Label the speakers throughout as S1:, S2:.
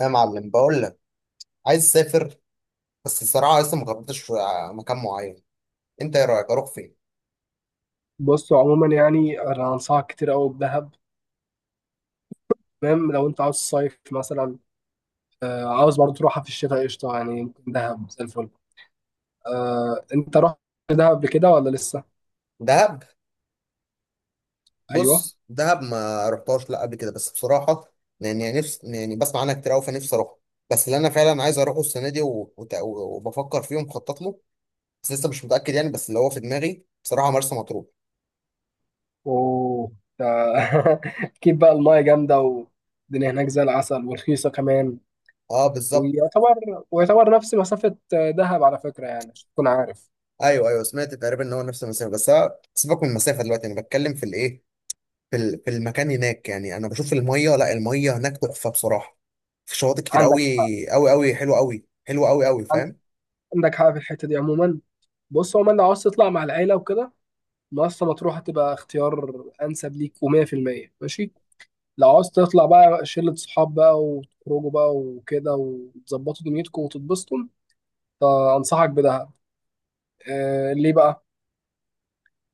S1: يا معلم، بقول لك عايز اسافر. بس الصراحه لسه ما قررتش مكان معين. انت ايه رايك اروح فين؟
S2: بص عموما يعني انا انصحك كتير قوي بدهب. تمام لو انت عاوز صيف مثلا. آه عاوز برضه تروحها في الشتاء قشطه، يعني ممكن دهب زي الفل. آه انت رحت دهب قبل كده ولا لسه؟
S1: دهب.
S2: ايوه.
S1: بص، دهب ما رحتهاش لا قبل كده، بس بصراحه يعني نفسي، يعني بسمع عنها كتير قوي فنفسي اروح. بس اللي انا فعلا عايز اروحه السنه دي وبفكر فيه ومخطط له، بس لسه مش متاكد يعني. بس اللي هو في دماغي بصراحه مرسى مطروح.
S2: اوه. اكيد بقى المايه جامده والدنيا هناك زي العسل ورخيصه كمان.
S1: اه، بالظبط.
S2: ويعتبر نفس مسافه دهب على فكره، يعني عشان تكون عارف.
S1: ايوه ايوه، سمعت تقريبا ان هو نفس المسافه، بس أنا سيبك من المسافه دلوقتي. انا بتكلم في الايه، في المكان هناك. يعني انا بشوف الميه، لا، الميه هناك تحفه بصراحه. في شواطئ كتير
S2: عندك
S1: قوي قوي، قوي حلوه قوي، حلوه قوي قوي فاهم.
S2: عندك حاجه في الحته دي عموما؟ بص عموما، لو عاوز تطلع مع العيله وكده مرسى مطروح هتبقى اختيار انسب ليك و100% ماشي. لو عاوز تطلع بقى شلة صحاب بقى، وتخرجوا بقى وكده، وتظبطوا دنيتكم وتتبسطوا، فانصحك بدهب. آه ليه بقى؟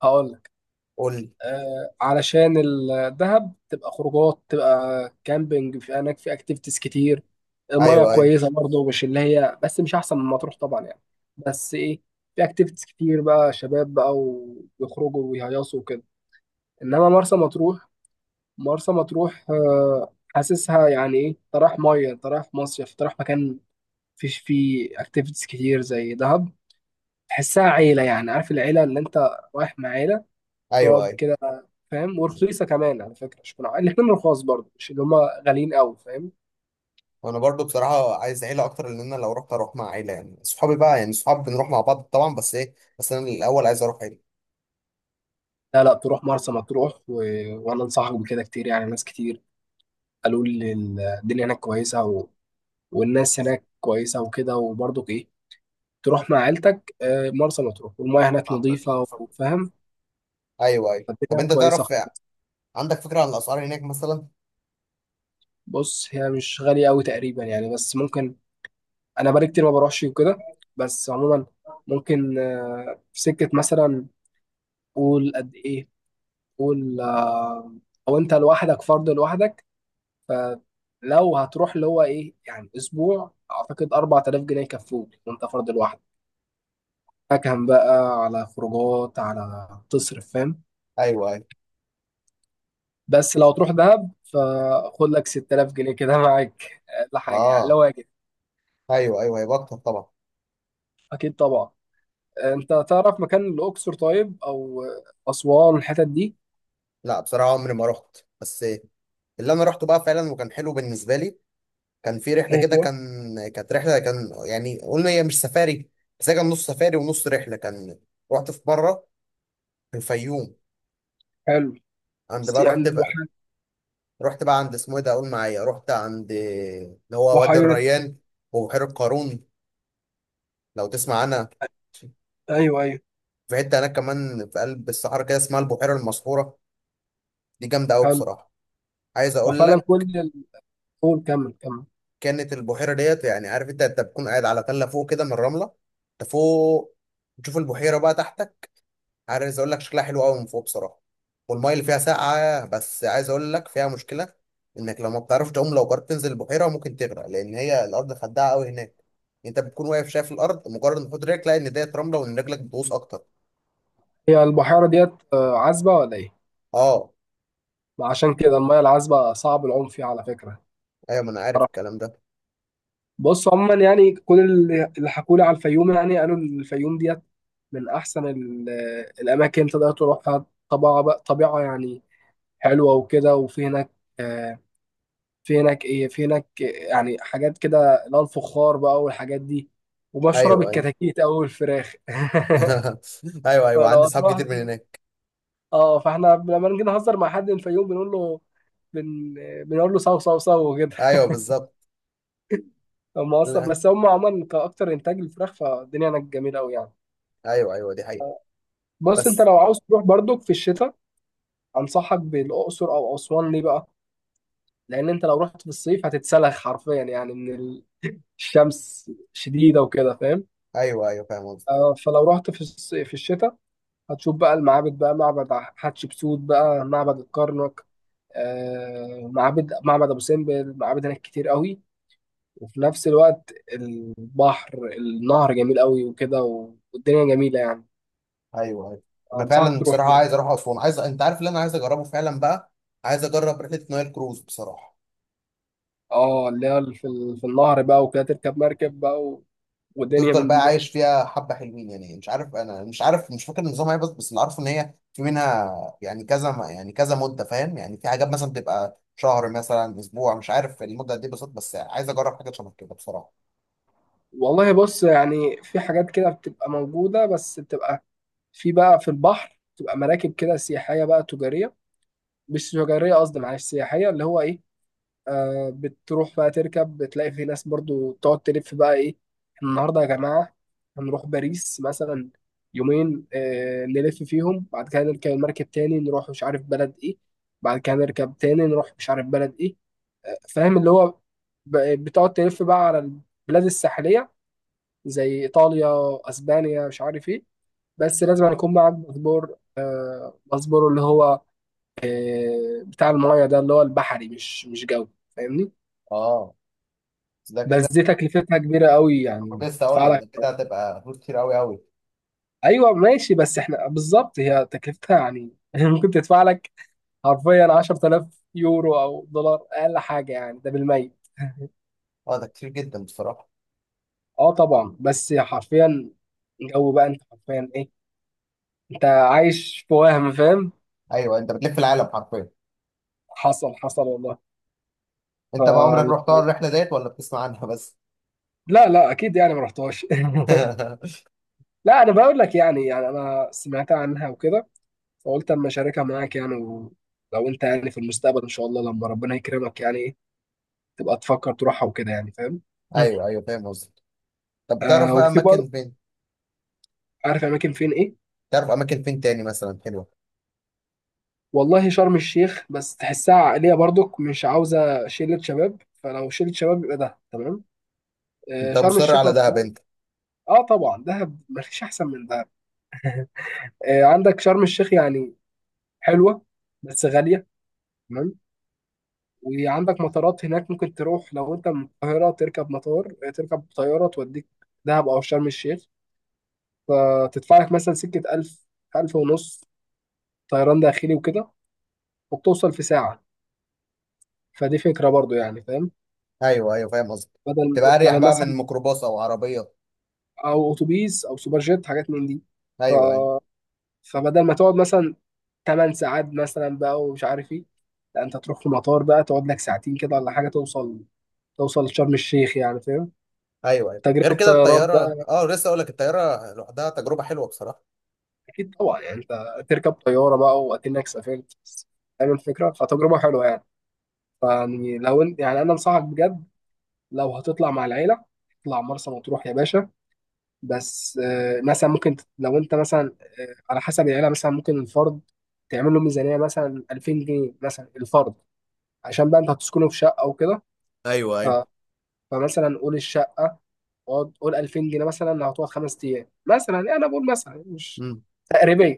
S2: هقول لك.
S1: قول لي.
S2: آه علشان الدهب تبقى خروجات، تبقى كامبينج في هناك، في اكتيفيتيز كتير. المياه
S1: ايوه ايوه
S2: كويسة برضه، مش اللي هي، بس مش احسن من مطروح طبعا يعني. بس ايه، في اكتيفيتيز كتير بقى، شباب بقى ويخرجوا ويهيصوا وكده. انما مرسى مطروح، مرسى مطروح حاسسها يعني ايه، انت رايح ميه، انت رايح مصيف، انت رايح مكان فيش فيه اكتيفيتيز كتير زي دهب. تحسها عيله، يعني عارف، العيله اللي انت رايح مع عيله
S1: ايوه
S2: تقعد
S1: ايوه.
S2: كده فاهم. ورخيصه كمان على فكره، مش كنا الاثنين رخاص برضه، مش اللي هم غاليين قوي فاهم.
S1: وانا برضو بصراحه عايز عيله اكتر، لان انا لو رحت اروح مع عيله. يعني صحابي بقى، يعني صحاب بنروح مع بعض طبعا، بس ايه، بس انا الاول عايز اروح عيله.
S2: لا لا تروح مرسى مطروح، و... وانا انصحك بكده كتير، يعني ناس كتير قالوا لي الدنيا هناك كويسه، و... والناس هناك كويسه وكده، وبرضه ايه، تروح مع عيلتك مرسى مطروح والمياه هناك نظيفه وفاهم.
S1: ايوه ايوه. طب
S2: البتاعة
S1: انت
S2: كويسة
S1: تعرف
S2: خالص.
S1: عندك فكره عن الاسعار هناك مثلا؟
S2: بص هي مش غالية أوي تقريبا يعني، بس ممكن. أنا بقالي كتير ما بروحش وكده، بس عموما ممكن في سكة مثلا. قول قد إيه، قول، أو أنت لوحدك، فرد لوحدك. فلو هتروح اللي هو إيه يعني، أسبوع أعتقد 4000 جنيه يكفوك، وأنت فرد لوحدك. فكهم بقى على خروجات، على تصرف فاهم.
S1: ايوه ايوه.
S2: بس لو تروح دهب فخد لك 6000 جنيه كده معاك، لحاجة يعني لو
S1: اه.
S2: واجب.
S1: ايوه ايوه، هيبقى اكتر طبعا.
S2: أكيد طبعا. انت تعرف مكان الاقصر، طيب او اسوان، الحتت دي؟
S1: لا بصراحه عمري ما رحت، بس إيه، اللي انا رحته بقى فعلا وكان حلو بالنسبه لي. كان في رحله كده،
S2: ايوه.
S1: كانت رحله كان، يعني قلنا هي مش سفاري. بس هي كان نص سفاري ونص رحله كان. رحت في مره في الفيوم.
S2: حلو.
S1: عند
S2: سي
S1: بقى،
S2: اند
S1: رحت بقى
S2: الوحي-
S1: رحت بقى عند اسمه ايه ده؟ قول معايا. رحت عند اللي هو وادي
S2: بحيره.
S1: الريان وبحيره قارون، لو تسمع عنها.
S2: ايوه ايوه.
S1: في حته هناك كمان في قلب الصحراء كده، اسمها البحيره المسحوره. دي جامده قوي
S2: حلو.
S1: بصراحه. عايز اقول
S2: وفعلا
S1: لك،
S2: كل الطول، كمل كمل.
S1: كانت البحيره ديت، يعني عارف انت، انت بتكون قاعد على تله فوق كده من الرمله، انت فوق، تشوف البحيره بقى تحتك. عايز اقول لك شكلها حلو قوي من فوق بصراحه. والميه اللي فيها ساقعه، بس عايز اقول لك فيها مشكله: انك لو ما بتعرفش تعوم، لو قررت تنزل البحيره ممكن تغرق، لان هي الارض خداعه قوي هناك. انت بتكون واقف شايف الارض، مجرد ما تحط رجلك تلاقي ان ديت رمله وان رجلك بتغوص اكتر.
S2: هي البحيره ديت عذبه ولا ايه؟
S1: اه.
S2: ما عشان كده الميه العذبه صعب العوم فيها على فكره.
S1: ايوه، ما انا عارف
S2: أعرف.
S1: الكلام ده.
S2: بص عموما يعني، كل اللي حكولي على الفيوم يعني قالوا الفيوم ديت من احسن الاماكن تقدر تروحها، طبيعه بقى، طبيعه يعني حلوه وكده. وفي هناك آه، في هناك ايه، في هناك يعني حاجات كده، اللي هو الفخار بقى والحاجات دي، ومشهوره
S1: ايوه ايوه.
S2: بالكتاكيت او الفراخ.
S1: ايوه ايوه،
S2: فلو
S1: عندي صحاب
S2: هتروح،
S1: كتير من هناك.
S2: اه، فاحنا لما نيجي نهزر مع حد من الفيوم بنقول له بن... بنقول له صو صو صو كده
S1: ايوه بالظبط.
S2: هم اصلا،
S1: لا.
S2: بس هم عموما كاكتر انتاج للفراخ، فالدنيا هناك جميله قوي يعني.
S1: ايوه ايوه، دي حقيقه.
S2: بص انت
S1: بس.
S2: لو عاوز تروح برضك في الشتاء انصحك بالاقصر او اسوان، ليه بقى؟ لان انت لو رحت في الصيف هتتسلخ حرفيا، يعني من الشمس شديده وكده فاهم.
S1: ايوه ايوه فاهم.
S2: فلو رحت في في الشتاء هتشوف بقى المعابد بقى، معبد حتشبسوت بقى، معبد الكرنك، معابد، معبد ابو سمبل، معابد هناك كتير قوي. وفي نفس الوقت البحر، النهر جميل قوي وكده، والدنيا جميلة يعني،
S1: ايوه ايوه. انا
S2: انصحك
S1: فعلا
S2: تروح
S1: بصراحه
S2: هناك.
S1: عايز اروح اسوان. عايز، انت عارف اللي انا عايز اجربه فعلا بقى، عايز اجرب رحله نايل كروز بصراحه.
S2: اه اللي هي في في النهر بقى وكده، تركب مركب بقى، و... ودنيا
S1: وتفضل
S2: من دي
S1: بقى
S2: بقى.
S1: عايش فيها حبه حلوين يعني، مش عارف، انا مش عارف، مش فاكر النظام ايه، بس اللي عارفه ان هي في منها، يعني كذا، يعني كذا مده فاهم. يعني في حاجات مثلا بتبقى شهر، مثلا اسبوع، مش عارف المده دي بالظبط، بس عايز اجرب حاجه شبه كده بصراحه.
S2: والله بص، يعني في حاجات كده بتبقى موجودة، بس بتبقى في بقى، في البحر تبقى مراكب كده سياحية بقى، تجارية، مش تجارية قصدي، معلش، سياحية اللي هو إيه، بتروح بقى تركب، بتلاقي في ناس برضو تقعد تلف بقى إيه، إحنا النهاردة يا جماعة هنروح باريس مثلا يومين، نلف فيهم، بعد كده نركب المركب تاني نروح مش عارف بلد إيه، بعد كده نركب تاني نروح مش عارف بلد إيه، فاهم اللي هو بتقعد تلف بقى على البلاد الساحلية زي إيطاليا، أسبانيا مش عارف إيه. بس لازم يكون معاك باسبور، باسبور اللي هو بتاع المايه ده، اللي هو البحري، مش جو، فاهمني.
S1: اه. بس ده
S2: بس
S1: كده،
S2: دي تكلفتها كبيره قوي
S1: كنت
S2: يعني،
S1: لسه اقول
S2: تدفع
S1: لك
S2: لك.
S1: ده كده هتبقى فلوس كتير قوي قوي.
S2: ايوه ماشي، بس احنا بالظبط هي تكلفتها يعني ممكن تدفع لك حرفيا 10000 يورو او دولار، اقل حاجه يعني، ده بالميت
S1: اه، ده كتير جدا بصراحه.
S2: اه طبعا، بس حرفيا جو بقى، انت حرفيا ايه، انت عايش في وهم فاهم.
S1: ايوه، انت بتلف العالم حرفيا.
S2: حصل حصل والله. ف
S1: انت بقى عمرك
S2: يعني،
S1: رحتها الرحله ديت ولا بتسمع عنها بس؟
S2: لا لا اكيد يعني ما رحتهاش. لا انا بقول لك، يعني انا سمعت عنها وكده، فقلت اما اشاركها معاك يعني، ولو انت يعني في المستقبل ان شاء الله لما ربنا يكرمك يعني ايه، تبقى تفكر تروحها وكده يعني فاهم. مم.
S1: ايوه ايوه فاهم قصدك. طب
S2: آه
S1: بتعرف بقى
S2: وفي
S1: اماكن
S2: برضه،
S1: فين؟
S2: عارف اماكن فين ايه.
S1: تعرف اماكن فين تاني مثلا حلوه؟
S2: والله شرم الشيخ، بس تحسها عائليه برضك، مش عاوزه، شله شباب، فلو شله شباب يبقى ده تمام. آه
S1: انت
S2: شرم
S1: مصر
S2: الشيخ
S1: على دهب
S2: مشهور.
S1: انت؟
S2: اه طبعا دهب مفيش احسن من دهب. آه عندك شرم الشيخ، يعني حلوه بس غاليه، تمام. وعندك مطارات هناك، ممكن تروح لو انت من القاهرة، تركب مطار، تركب طيارة، توديك دهب أو شرم الشيخ، فتدفع لك مثلا سكة ألف، ألف ونص، طيران داخلي وكده، وبتوصل في ساعة. فدي فكرة برضو يعني فاهم.
S1: ايوه ايوه فاهم قصدك.
S2: بدل
S1: تبقى اريح
S2: بدل
S1: بقى
S2: مثلا،
S1: من ميكروباص او عربيه.
S2: أو أتوبيس أو سوبر جيت، حاجات من دي. ف...
S1: ايوه ايوه.
S2: فبدل ما تقعد مثلا 8 ساعات مثلا بقى ومش عارف ايه، لا انت تروح في مطار بقى، تقعد لك ساعتين كده ولا حاجة، توصل شرم الشيخ يعني فاهم.
S1: ايوه ايوه غير
S2: تجربة
S1: كده
S2: طيران،
S1: الطياره، اه لسه اقول لك الطياره لوحدها تجربه حلوه بصراحه.
S2: اكيد طبعا يعني، انت تركب طياره بقى واكنك سافرت بس، فاهم الفكره، فتجربه حلوه يعني. فيعني لو انت يعني، انا انصحك بجد، لو هتطلع مع العيله اطلع مرسى مطروح يا باشا. بس مثلا ممكن لو انت مثلا على حسب العيله، مثلا ممكن الفرد تعمل له ميزانيه مثلا 2000 جنيه مثلا الفرد، عشان بقى انت هتسكنه في شقه وكده.
S1: ايوه
S2: ف-
S1: ايوه.
S2: فمثلا قول الشقه، قول 2000 جنيه مثلا لو هتقعد خمس ايام مثلا، يعني انا بقول مثلا، مش
S1: امم
S2: تقريبا.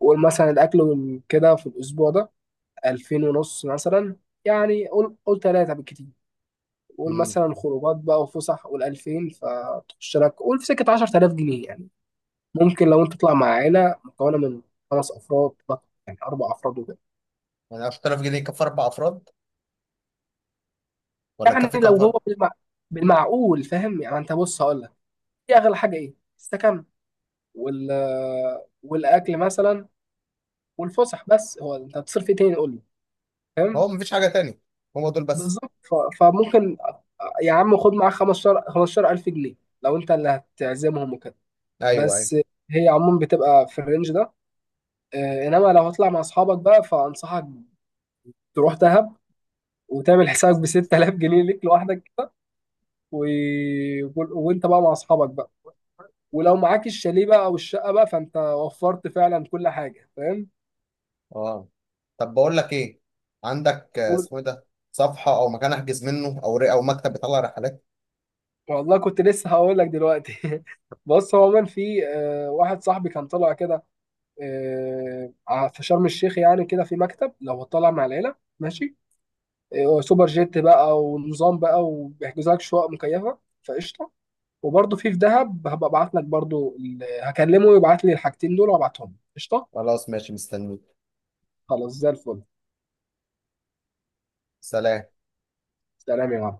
S2: وقول مثلا الاكل وكده في الاسبوع ده 2000 ونص مثلا، يعني قول قول ثلاثة بالكتير. قول
S1: امم
S2: مثلا خروجات بقى وفسح، قول 2000، فتخش لك قول في سكة 10000 جنيه يعني. ممكن لو أنت تطلع مع عائلة مكونة من خمس أفراد بقى، يعني أربع أفراد وكده.
S1: يعني 10000 جنيه يكفي اربع افراد ولا
S2: يعني
S1: يكفي كام
S2: لو هو
S1: فرد؟
S2: بالمعقول فاهم يعني، أنت بص هقول لك، دي أغلى حاجة إيه؟ السكن وال والأكل مثلا والفسح، بس هو أنت هتصرف إيه تاني، قول لي، فاهم؟
S1: هو مفيش حاجه تاني، هم دول بس.
S2: بالظبط. فممكن يا عم، خد معاك 15 15000 جنيه لو أنت اللي هتعزمهم وكده.
S1: ايوه ايوه.
S2: بس هي عموما بتبقى في الرينج ده. انما لو هتطلع مع اصحابك بقى، فانصحك تروح دهب، وتعمل حسابك ب 6000 جنيه ليك لوحدك كده، و... وانت بقى مع اصحابك بقى، ولو معاك الشاليه بقى او الشقه بقى، فانت وفرت فعلا كل حاجه فاهم.
S1: اه. طب بقول لك ايه، عندك
S2: قول-
S1: اسمه ايه ده، صفحه او مكان احجز منه، او مكتب بيطلع رحلات.
S2: والله كنت لسه هقول لك دلوقتي بص هو عموما في واحد صاحبي كان طالع كده، في شرم الشيخ، يعني كده في مكتب لو طالع مع العيله ماشي، سوبر جيت بقى ونظام بقى، وبيحجزوا لك شقق مكيفه، فقشطه. وبرضه في دهب، هبقى ابعت لك برضه هكلمه يبعت لي الحاجتين دول وابعتهم قشطه.
S1: خلاص ماشي مستنيك.
S2: خلاص زي الفل.
S1: سلام.
S2: سلام يا معلم.